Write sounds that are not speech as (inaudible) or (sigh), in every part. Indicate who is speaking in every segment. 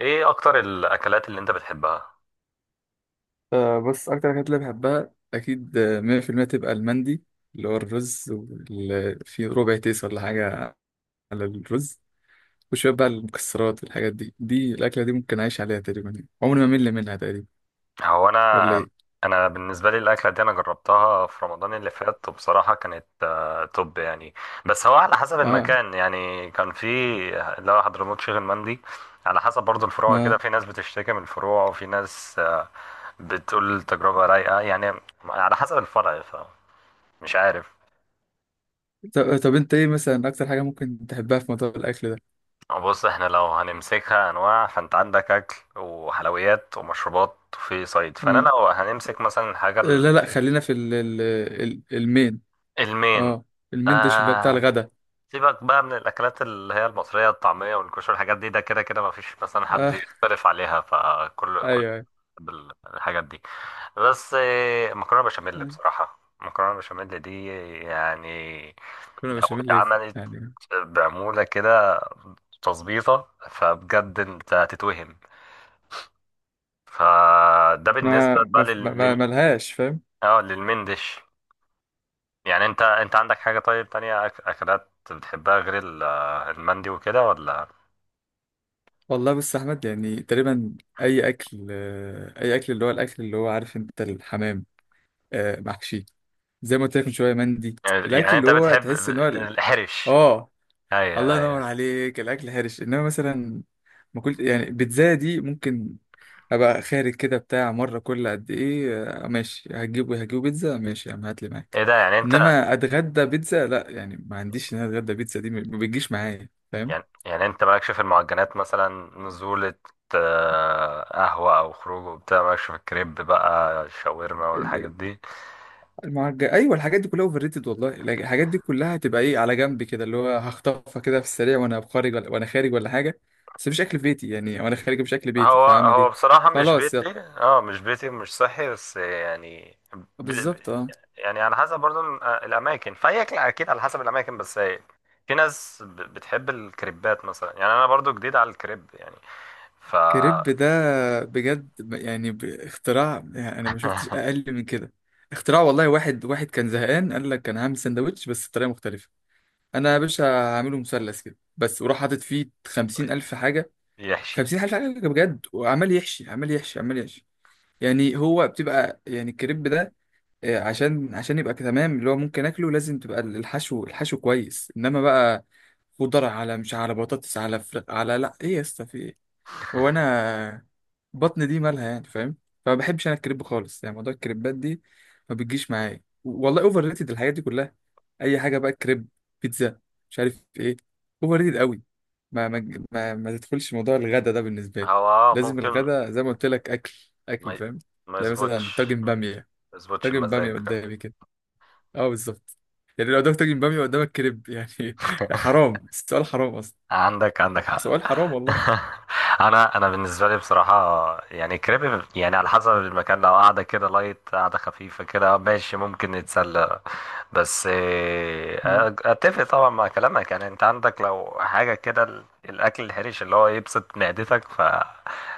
Speaker 1: ايه اكتر الاكلات اللي انت بتحبها؟
Speaker 2: آه، بس أكتر حاجات اللي بحبها أكيد، 100% تبقى المندي اللي هو الرز واللي فيه ربع تيس ولا حاجة على الرز، وشوية بقى المكسرات والحاجات دي الأكلة دي ممكن أعيش عليها تقريبا يعني. عمري ما أمل منها تقريبا،
Speaker 1: هو
Speaker 2: ولا
Speaker 1: انا
Speaker 2: إيه؟
Speaker 1: انا بالنسبه لي الاكله دي انا جربتها في رمضان اللي فات، وبصراحه كانت توب يعني. بس هو على حسب
Speaker 2: آه
Speaker 1: المكان، يعني كان في اللي هو حضرموت شيخ المندي. على حسب برضو الفروع كده،
Speaker 2: آه.
Speaker 1: في ناس بتشتكي من الفروع وفي ناس بتقول التجربه رايقه يعني، على حسب الفرع. فمش عارف.
Speaker 2: طب أنت إيه مثلا أكتر حاجة ممكن تحبها في موضوع الأكل ده؟
Speaker 1: بص، احنا لو هنمسكها انواع فانت عندك اكل وحلويات ومشروبات وفي صيد، فانا
Speaker 2: آه
Speaker 1: لو هنمسك مثلا حاجه.
Speaker 2: آه، لا لا، خلينا في المين.
Speaker 1: المين.
Speaker 2: آه. المين ديش اللي هو بتاع
Speaker 1: آه.
Speaker 2: الغدا.
Speaker 1: سيبك بقى من الأكلات اللي هي المصرية، الطعمية والكشري، الحاجات دي ده كده كده مفيش مثلا حد
Speaker 2: آه.
Speaker 1: يختلف عليها، فكل
Speaker 2: أيوه
Speaker 1: كل
Speaker 2: أيوه
Speaker 1: بيحب الحاجات دي. بس مكرونة بشاميل،
Speaker 2: أيوه.
Speaker 1: بصراحة مكرونة بشاميل دي يعني
Speaker 2: كنا
Speaker 1: لو
Speaker 2: بشاميل
Speaker 1: اتعملت
Speaker 2: يعني،
Speaker 1: بعمولة كده، تظبيطة، فبجد انت هتتوهم. فده بالنسبة بقى لل... لل...
Speaker 2: ملهاش.
Speaker 1: اه للمندش. يعني، انت عندك حاجة طيب تانية أكلات بتحبها غير المندي وكده ولا؟
Speaker 2: والله بص يا احمد، يعني تقريبا اي اكل، اي اكل اللي هو الاكل، اللي هو عارف انت، الحمام، محشي، زي ما قلت لك من شويه، مندي. الاكل
Speaker 1: يعني
Speaker 2: اللي
Speaker 1: انت
Speaker 2: هو
Speaker 1: بتحب
Speaker 2: تحس ان هو
Speaker 1: الحرش؟
Speaker 2: اه،
Speaker 1: ايوه،
Speaker 2: الله ينور
Speaker 1: ايوه.
Speaker 2: عليك. الاكل هرش. انما مثلا ما كنت يعني، بيتزا دي ممكن ابقى خارج كده بتاع، مره كل قد ايه، ماشي هتجيبه بيتزا، ماشي يا عم هات لي معاك.
Speaker 1: ايه ده، يعني انت
Speaker 2: انما اتغدى بيتزا لا يعني، ما عنديش ان انا اتغدى بيتزا دي، ما بتجيش معايا فاهم.
Speaker 1: يعني انت مالكش في المعجنات مثلا، نزولة، قهوة او خروج وبتاع، مالكش في الكريب بقى، الشاورما والحاجات دي.
Speaker 2: المعجن ايوه، الحاجات دي كلها اوفر ريتد والله. الحاجات دي كلها هتبقى ايه على جنب كده اللي هو هخطفها كده في السريع وانا خارج، ولا وانا خارج ولا حاجه، بس مش اكل في بيتي يعني، وانا خارج مش اكل بيتي،
Speaker 1: هو
Speaker 2: فاعمل
Speaker 1: هو
Speaker 2: ايه؟
Speaker 1: بصراحة مش
Speaker 2: خلاص
Speaker 1: بيتي،
Speaker 2: يلا.
Speaker 1: اه، مش بيتي، مش صحي، بس يعني ب-
Speaker 2: بالظبط، اه.
Speaker 1: يعني على حسب برضو الأماكن، فهي أكل أكيد على حسب الأماكن، بس هي في ناس بتحب الكريبات مثلا، يعني أنا برضو جديد على الكريب يعني. ف
Speaker 2: كريب ده بجد، يعني اختراع، يعني انا ما شفتش اقل من كده. اختراع والله. واحد واحد كان زهقان قال لك انا هعمل سندوتش بس بطريقه مختلفه، انا يا باشا هعمله مثلث كده بس، وراح حاطط فيه خمسين
Speaker 1: (laughs)
Speaker 2: الف حاجه.
Speaker 1: يحشي.
Speaker 2: خمسين الف حاجه بجد، وعمال يحشي عمال يحشي عمال يحشي. يعني هو بتبقى يعني الكريب ده، عشان يبقى تمام اللي هو ممكن اكله، لازم تبقى الحشو الحشو كويس. انما بقى خضار، على مش على بطاطس، على فر... على، لا ايه يا اسطى في إيه؟ وانا بطن دي مالها يعني، فاهم؟ فما بحبش انا الكريب خالص، يعني موضوع الكريبات دي ما بتجيش معايا والله، اوفر ريتد الحاجات دي كلها. اي حاجه بقى، كريب، بيتزا، مش عارف ايه، اوفر ريتد قوي. ما تدخلش موضوع الغدا ده بالنسبه لي.
Speaker 1: هو، اه،
Speaker 2: لازم
Speaker 1: ممكن
Speaker 2: الغدا زي ما قلت لك اكل،
Speaker 1: ما
Speaker 2: اكل
Speaker 1: ي-
Speaker 2: فاهم.
Speaker 1: ما
Speaker 2: تلاقي مثلا
Speaker 1: يظبطش
Speaker 2: طاجن
Speaker 1: ما
Speaker 2: باميه،
Speaker 1: يظبطش
Speaker 2: طاجن باميه
Speaker 1: المزاج.
Speaker 2: قدامي كده، اه بالظبط. يعني لو قدامك طاجن باميه، قدامك كريب، يعني (laughs) حرام السؤال، حرام اصلا.
Speaker 1: عندك حق.
Speaker 2: سؤال حرام والله.
Speaker 1: (laughs) انا بالنسبه لي بصراحه يعني كريب، يعني على حسب المكان، لو قاعده كده لايت، قاعده خفيفه كده، ماشي ممكن نتسلى. بس
Speaker 2: مم.
Speaker 1: اتفق طبعا مع كلامك. يعني انت عندك لو حاجه كده الاكل الحرش اللي هو يبسط معدتك،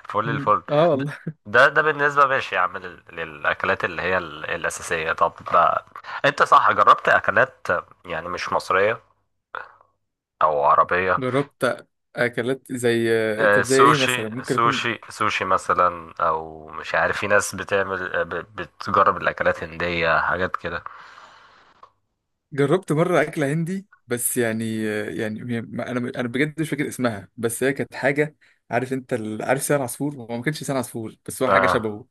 Speaker 1: فل
Speaker 2: مم.
Speaker 1: الفل.
Speaker 2: اه
Speaker 1: د-
Speaker 2: والله.
Speaker 1: ده بالنسبه، ماشي يا عم، للاكلات اللي هي الاساسيه. طب، انت صح جربت اكلات، يعني مش مصريه او عربيه؟
Speaker 2: جربت اكلات، زي طب زي ايه
Speaker 1: سوشي
Speaker 2: مثلا ممكن اكون
Speaker 1: سوشي سوشي مثلا، او مش عارف في ناس بتعمل، بتجرب الاكلات هندية، حاجات كده.
Speaker 2: جربت. مره اكله هندي، بس يعني يعني انا بجد مش فاكر اسمها، بس هي كانت حاجه، عارف انت ال... عارف لسان عصفور، هو ما كانش لسان عصفور بس هو حاجه
Speaker 1: اه.
Speaker 2: شبهه،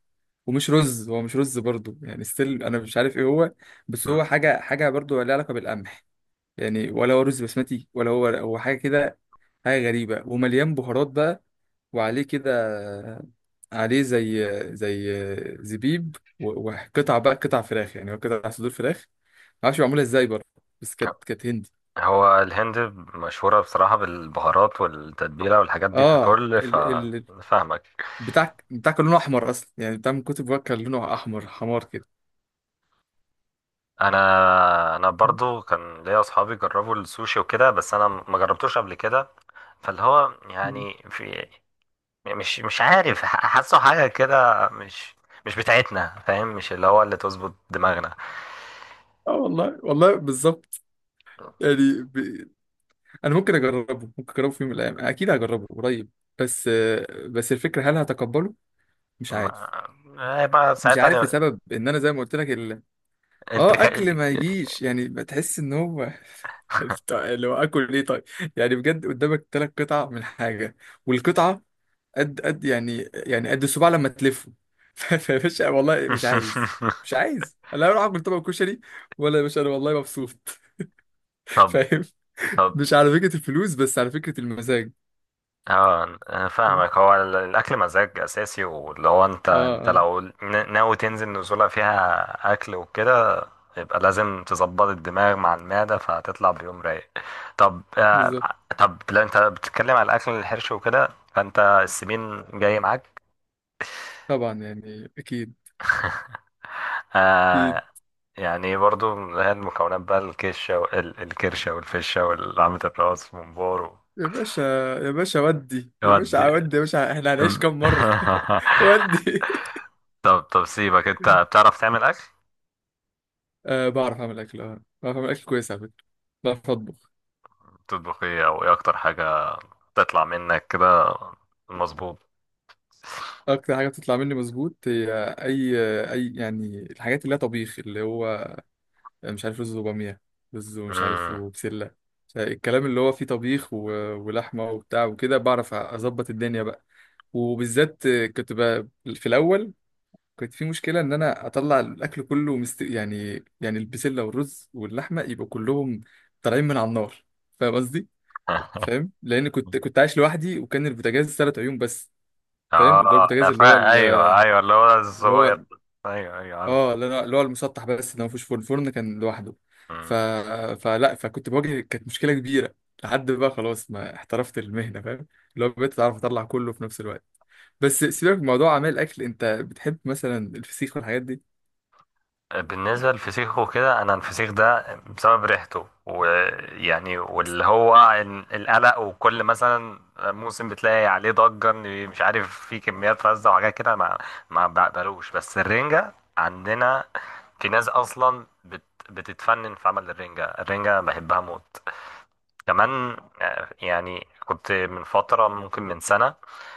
Speaker 2: ومش رز، هو مش رز برضه يعني، ستيل انا مش عارف ايه هو، بس
Speaker 1: مم.
Speaker 2: هو حاجه حاجه برضه لها علاقه بالقمح. يعني ولا هو رز بسمتي، ولا هو هو حاجه كده، حاجه غريبه ومليان بهارات بقى، وعليه كده، عليه زي زي زبيب، وقطع بقى، قطع فراخ، يعني هو قطع صدور فراخ، معرفش معمولة ازاي برضه، بس كانت كانت هندي.
Speaker 1: هو الهند مشهورة بصراحة بالبهارات والتتبيلة والحاجات دي
Speaker 2: اه
Speaker 1: ككل،
Speaker 2: ال ال
Speaker 1: فاهمك.
Speaker 2: بتاع بتاع كان لونه احمر اصلا، يعني بتاع من كتب بقى كان لونه احمر حمار كده.
Speaker 1: انا برضو كان ليا اصحابي جربوا السوشي وكده، بس انا ما جربتوش قبل كده، فاللي هو
Speaker 2: مم.
Speaker 1: يعني في مش عارف، حاسه حاجة كده، مش بتاعتنا، فاهم، مش اللي هو اللي تظبط دماغنا.
Speaker 2: اه والله والله بالظبط. يعني ب... انا ممكن اجربه، ممكن اجربه في يوم من الايام، اكيد هجربه قريب، بس بس الفكره هل هتقبله، مش
Speaker 1: ما...
Speaker 2: عارف،
Speaker 1: هيبقى
Speaker 2: مش
Speaker 1: ساعتها
Speaker 2: عارف لسبب ان انا زي ما قلت لك
Speaker 1: انت
Speaker 2: اه،
Speaker 1: ك...
Speaker 2: اكل ما يجيش، يعني بتحس ان هو (laughs) طيب، اللي هو اكل ايه طيب؟ يعني بجد قدامك 3 قطع من حاجه، والقطعه قد قد يعني، يعني قد الصباع لما تلفه (laughs) فيا باشا والله مش عايز. مش
Speaker 1: (laughs)
Speaker 2: عايز، لا اروح اكل طبق كشري، ولا يا باشا انا والله مبسوط (laughs)
Speaker 1: طب
Speaker 2: فاهم.
Speaker 1: طب
Speaker 2: مش على فكره الفلوس، بس على فكره المزاج.
Speaker 1: اه. انا
Speaker 2: اه
Speaker 1: فاهمك. هو الاكل مزاج اساسي، واللي هو انت
Speaker 2: اه
Speaker 1: لو ناوي تنزل نزوله فيها اكل وكده، يبقى لازم تظبط الدماغ مع المعده، فهتطلع بيوم رايق. طب آه
Speaker 2: بالظبط.
Speaker 1: طب لو انت بتتكلم على الاكل الحرش وكده، فانت السمين جاي معاك.
Speaker 2: طبعا يعني اكيد.
Speaker 1: (laughs) آه.
Speaker 2: اكيد.
Speaker 1: يعني برضو من هي المكونات بقى، الكشة وال- الكرشة والفشة والعمة الراس وممبار.
Speaker 2: يا باشا يا باشا ودي، يا
Speaker 1: يودي.
Speaker 2: باشا ودي يا باشا، احنا هنعيش كام مره؟ (laughs)
Speaker 1: (laughs)
Speaker 2: ودي.
Speaker 1: طب سيبك، انت بتعرف تعمل اكل؟
Speaker 2: أه بعرف أعمل أكل، أه بعرف أعمل أكل كويس على فكرة، بعرف أطبخ.
Speaker 1: تطبخ ايه، او ايه اكتر حاجة تطلع منك كده مظبوط؟
Speaker 2: أكتر حاجة بتطلع مني مظبوط هي أي أي يعني الحاجات اللي هي طبيخ، اللي هو مش عارف رز وبامية، رز ومش عارف
Speaker 1: مم.
Speaker 2: وبسلة، مش عارف- الكلام اللي هو فيه طبيخ و... ولحمة وبتاع وكده، بعرف أظبط الدنيا بقى. وبالذات كنت بقى في الأول، كنت في مشكلة إن أنا أطلع الأكل كله مست... يعني يعني البسلة والرز واللحمة يبقوا كلهم طالعين من على النار، فاهم قصدي؟
Speaker 1: (laughs)
Speaker 2: فاهم. لان كنت كنت عايش لوحدي، وكان البوتاجاز 3 عيون بس، فاهم
Speaker 1: اه.
Speaker 2: اللي هو البوتاجاز
Speaker 1: انا
Speaker 2: اللي هو
Speaker 1: فا ايوه، ايوه، اللي هو
Speaker 2: اللي
Speaker 1: الصغير.
Speaker 2: هو
Speaker 1: ايوه، ايوه،
Speaker 2: اه اللي هو اللي هو المسطح بس، اللي ما فيهوش فرن، الفرن كان لوحده. ف...
Speaker 1: عارف.
Speaker 2: فلا فكنت بواجه، كانت مشكله كبيره لحد بقى خلاص ما احترفت المهنه، فاهم اللي هو بقيت اعرف اطلع كله في نفس الوقت. بس سيبك من موضوع اعمال الاكل، انت بتحب مثلا الفسيخ والحاجات دي؟
Speaker 1: بالنسبة للفسيخ وكده، أنا الفسيخ ده بسبب ريحته ويعني واللي هو القلق، وكل مثلا موسم بتلاقي عليه ضجة إن مش عارف في كميات فزة وحاجات كده، ما بقبلوش. بس الرنجة عندنا في ناس أصلا بتتفنن في عمل الرنجة. الرنجة بحبها موت كمان. يعني كنت من فترة ممكن من سنة،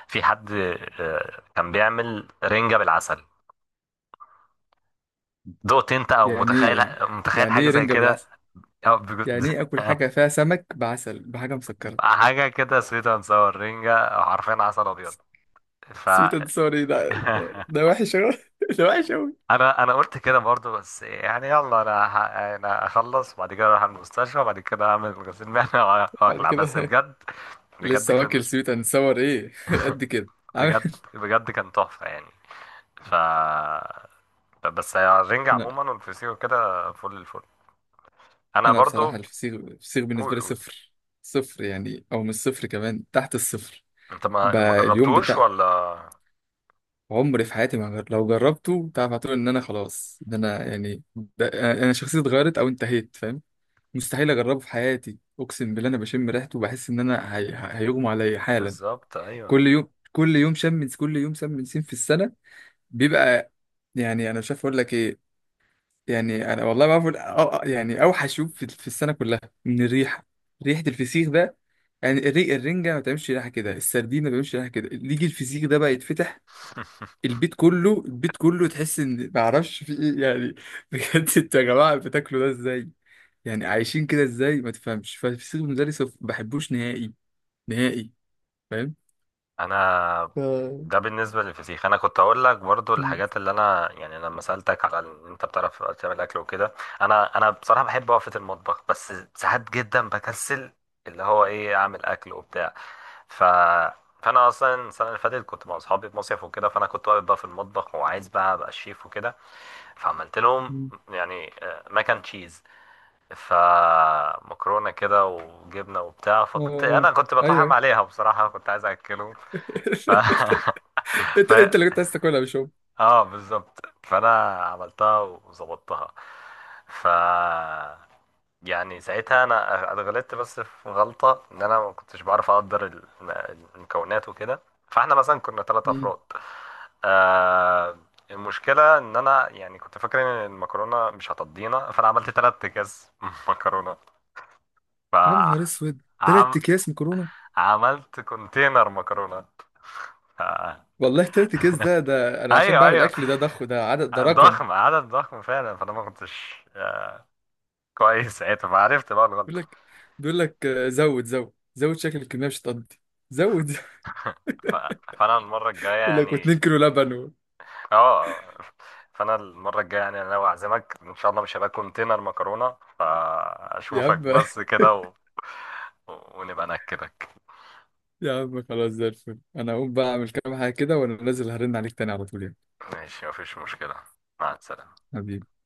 Speaker 1: في حد كان بيعمل رنجة بالعسل. دقت انت او
Speaker 2: يعني
Speaker 1: متخيل
Speaker 2: ايه؟
Speaker 1: متخيل
Speaker 2: يعني
Speaker 1: حاجة
Speaker 2: ايه
Speaker 1: زي
Speaker 2: رنجه
Speaker 1: كده؟
Speaker 2: بالعسل؟
Speaker 1: أو بيكون-
Speaker 2: يعني ايه اكل حاجه
Speaker 1: (laughs)
Speaker 2: فيها سمك بعسل بحاجه مسكره؟
Speaker 1: حاجة كده سويت اند ساور رينجا، حرفيا عسل أبيض. ف
Speaker 2: سويت اند سوري ده ده ده
Speaker 1: (laughs)
Speaker 2: وحش أوي. (laughs) ده وحش أوي.
Speaker 1: أنا قلت كده برضو، بس يعني يلا، أنا أخلص وبعد كده أروح المستشفى، وبعد كده أعمل غسيل (laughs) معدة،
Speaker 2: بعد
Speaker 1: وأقلع. بس
Speaker 2: كده
Speaker 1: بجد، بجد
Speaker 2: لسه
Speaker 1: كان
Speaker 2: واكل سويت اند ساور ايه؟ (laughs) قد كده عامل.
Speaker 1: بجد كان تحفة يعني. ف بس الرنجة
Speaker 2: انا
Speaker 1: عموما والفسيخ كده، فل الفل. أنا
Speaker 2: انا
Speaker 1: برضو.
Speaker 2: بصراحه الفسيخ الفسيخ بالنسبه
Speaker 1: قول،
Speaker 2: لي
Speaker 1: قول.
Speaker 2: صفر. صفر يعني، او مش صفر، كمان تحت الصفر.
Speaker 1: أنت ما
Speaker 2: بقى اليوم
Speaker 1: جربتوش
Speaker 2: بتاع
Speaker 1: ولا؟
Speaker 2: عمري في حياتي ما جر... لو جربته تعرف، هتقول ان انا خلاص. ده انا يعني، ده انا شخصيتي اتغيرت او انتهيت، فاهم. مستحيل اجربه في حياتي، اقسم بالله. انا بشم ريحته وبحس ان انا هي... هيغمى عليا حالا.
Speaker 1: بالظبط،
Speaker 2: كل
Speaker 1: أيوه.
Speaker 2: يوم، كل يوم شم، كل يوم شم نسيم في السنه بيبقى، يعني انا مش عارف اقول لك ايه، يعني انا والله ما اعرف يعني اوحش يوم في السنه كلها، من الريحه، ريحه الفسيخ ده. يعني الري الرنجه ما بتعملش ريحه كده، السردين ما بيعملش ريحه كده، اللي يجي الفسيخ ده بقى يتفتح
Speaker 1: (laughs)
Speaker 2: البيت كله، البيت كله تحس ان ما اعرفش في ايه يعني. (laughs) بجد، انتوا يا جماعه بتاكلوا ده ازاي؟ يعني عايشين كده ازاي، ما تفهمش. فالفسيخ بالنسبه لي صفر، ما بحبوش نهائي، نهائي، فاهم.
Speaker 1: انا
Speaker 2: ف...
Speaker 1: ده بالنسبه للفسيخ. انا كنت اقول لك برضو
Speaker 2: م-
Speaker 1: الحاجات، اللي انا يعني لما سالتك على ان انت بتعرف تعمل اكل وكده، انا بصراحه بحب وقفه المطبخ، بس ساعات جدا بكسل. اللي هو ايه، اعمل اكل وبتاع. ف فانا اصلا السنه اللي فاتت كنت مع اصحابي في مصيف وكده، فانا كنت واقف بقى في المطبخ وعايز بقى ابقى الشيف وكده. فعملت لهم
Speaker 2: م-
Speaker 1: يعني ماكن تشيز، فمكرونه كده وجبنه وبتاع،
Speaker 2: اه
Speaker 1: فكنت
Speaker 2: اه
Speaker 1: انا كنت بطحم
Speaker 2: ايوه.
Speaker 1: عليها بصراحه، كنت عايز اكلهم. ف...
Speaker 2: (laughs)
Speaker 1: (laughs) ف
Speaker 2: انت انت اللي كنت عايز تاكلها، مش؟
Speaker 1: اه، بالظبط، فانا عملتها وظبطتها. ف يعني ساعتها انا اتغلطت، بس في غلطه ان انا ما كنتش بعرف اقدر المكونات وكده. فاحنا مثلا كنا ثلاثة
Speaker 2: هم.
Speaker 1: افراد. آه المشكله ان انا يعني كنت فاكر ان المكرونه مش هتضينا، فانا عملت ثلاث اكياس (laughs) مكرونه. ف
Speaker 2: يا نهار اسود، تلات
Speaker 1: عم...
Speaker 2: اكياس مكرونه!
Speaker 1: عملت كونتينر مكرونه. ف...
Speaker 2: والله 3 اكياس ده، ده انا عشان
Speaker 1: ايوه،
Speaker 2: بعمل
Speaker 1: ايوه،
Speaker 2: اكل، ده ضخ ده عدد، ده رقم.
Speaker 1: ضخم، عدد ضخم فعلا. فانا ما كنتش كويس ساعتها، فعرفت بقى الغلطه.
Speaker 2: بيقول لك، بيقول لك آه، زود زود زود، شكل الكميه مش هتقضي، زود زود.
Speaker 1: ف... فانا المره الجايه
Speaker 2: (laughs) يقول لك
Speaker 1: يعني
Speaker 2: و2 كيلو لبن و...
Speaker 1: اه فانا المره الجايه يعني، انا لو اعزمك ان شاء الله مش هبقى كونتينر مكرونه،
Speaker 2: يا عم.
Speaker 1: فاشوفك بس كده ونبقى ناكلك.
Speaker 2: (laughs) يا عم خلاص زي الفل، انا هقوم بقى اعمل كام حاجه كده وانا نازل هرن عليك تاني على طول يعني.
Speaker 1: ماشي، مفيش مشكله. مع السلامه.
Speaker 2: حبيبي.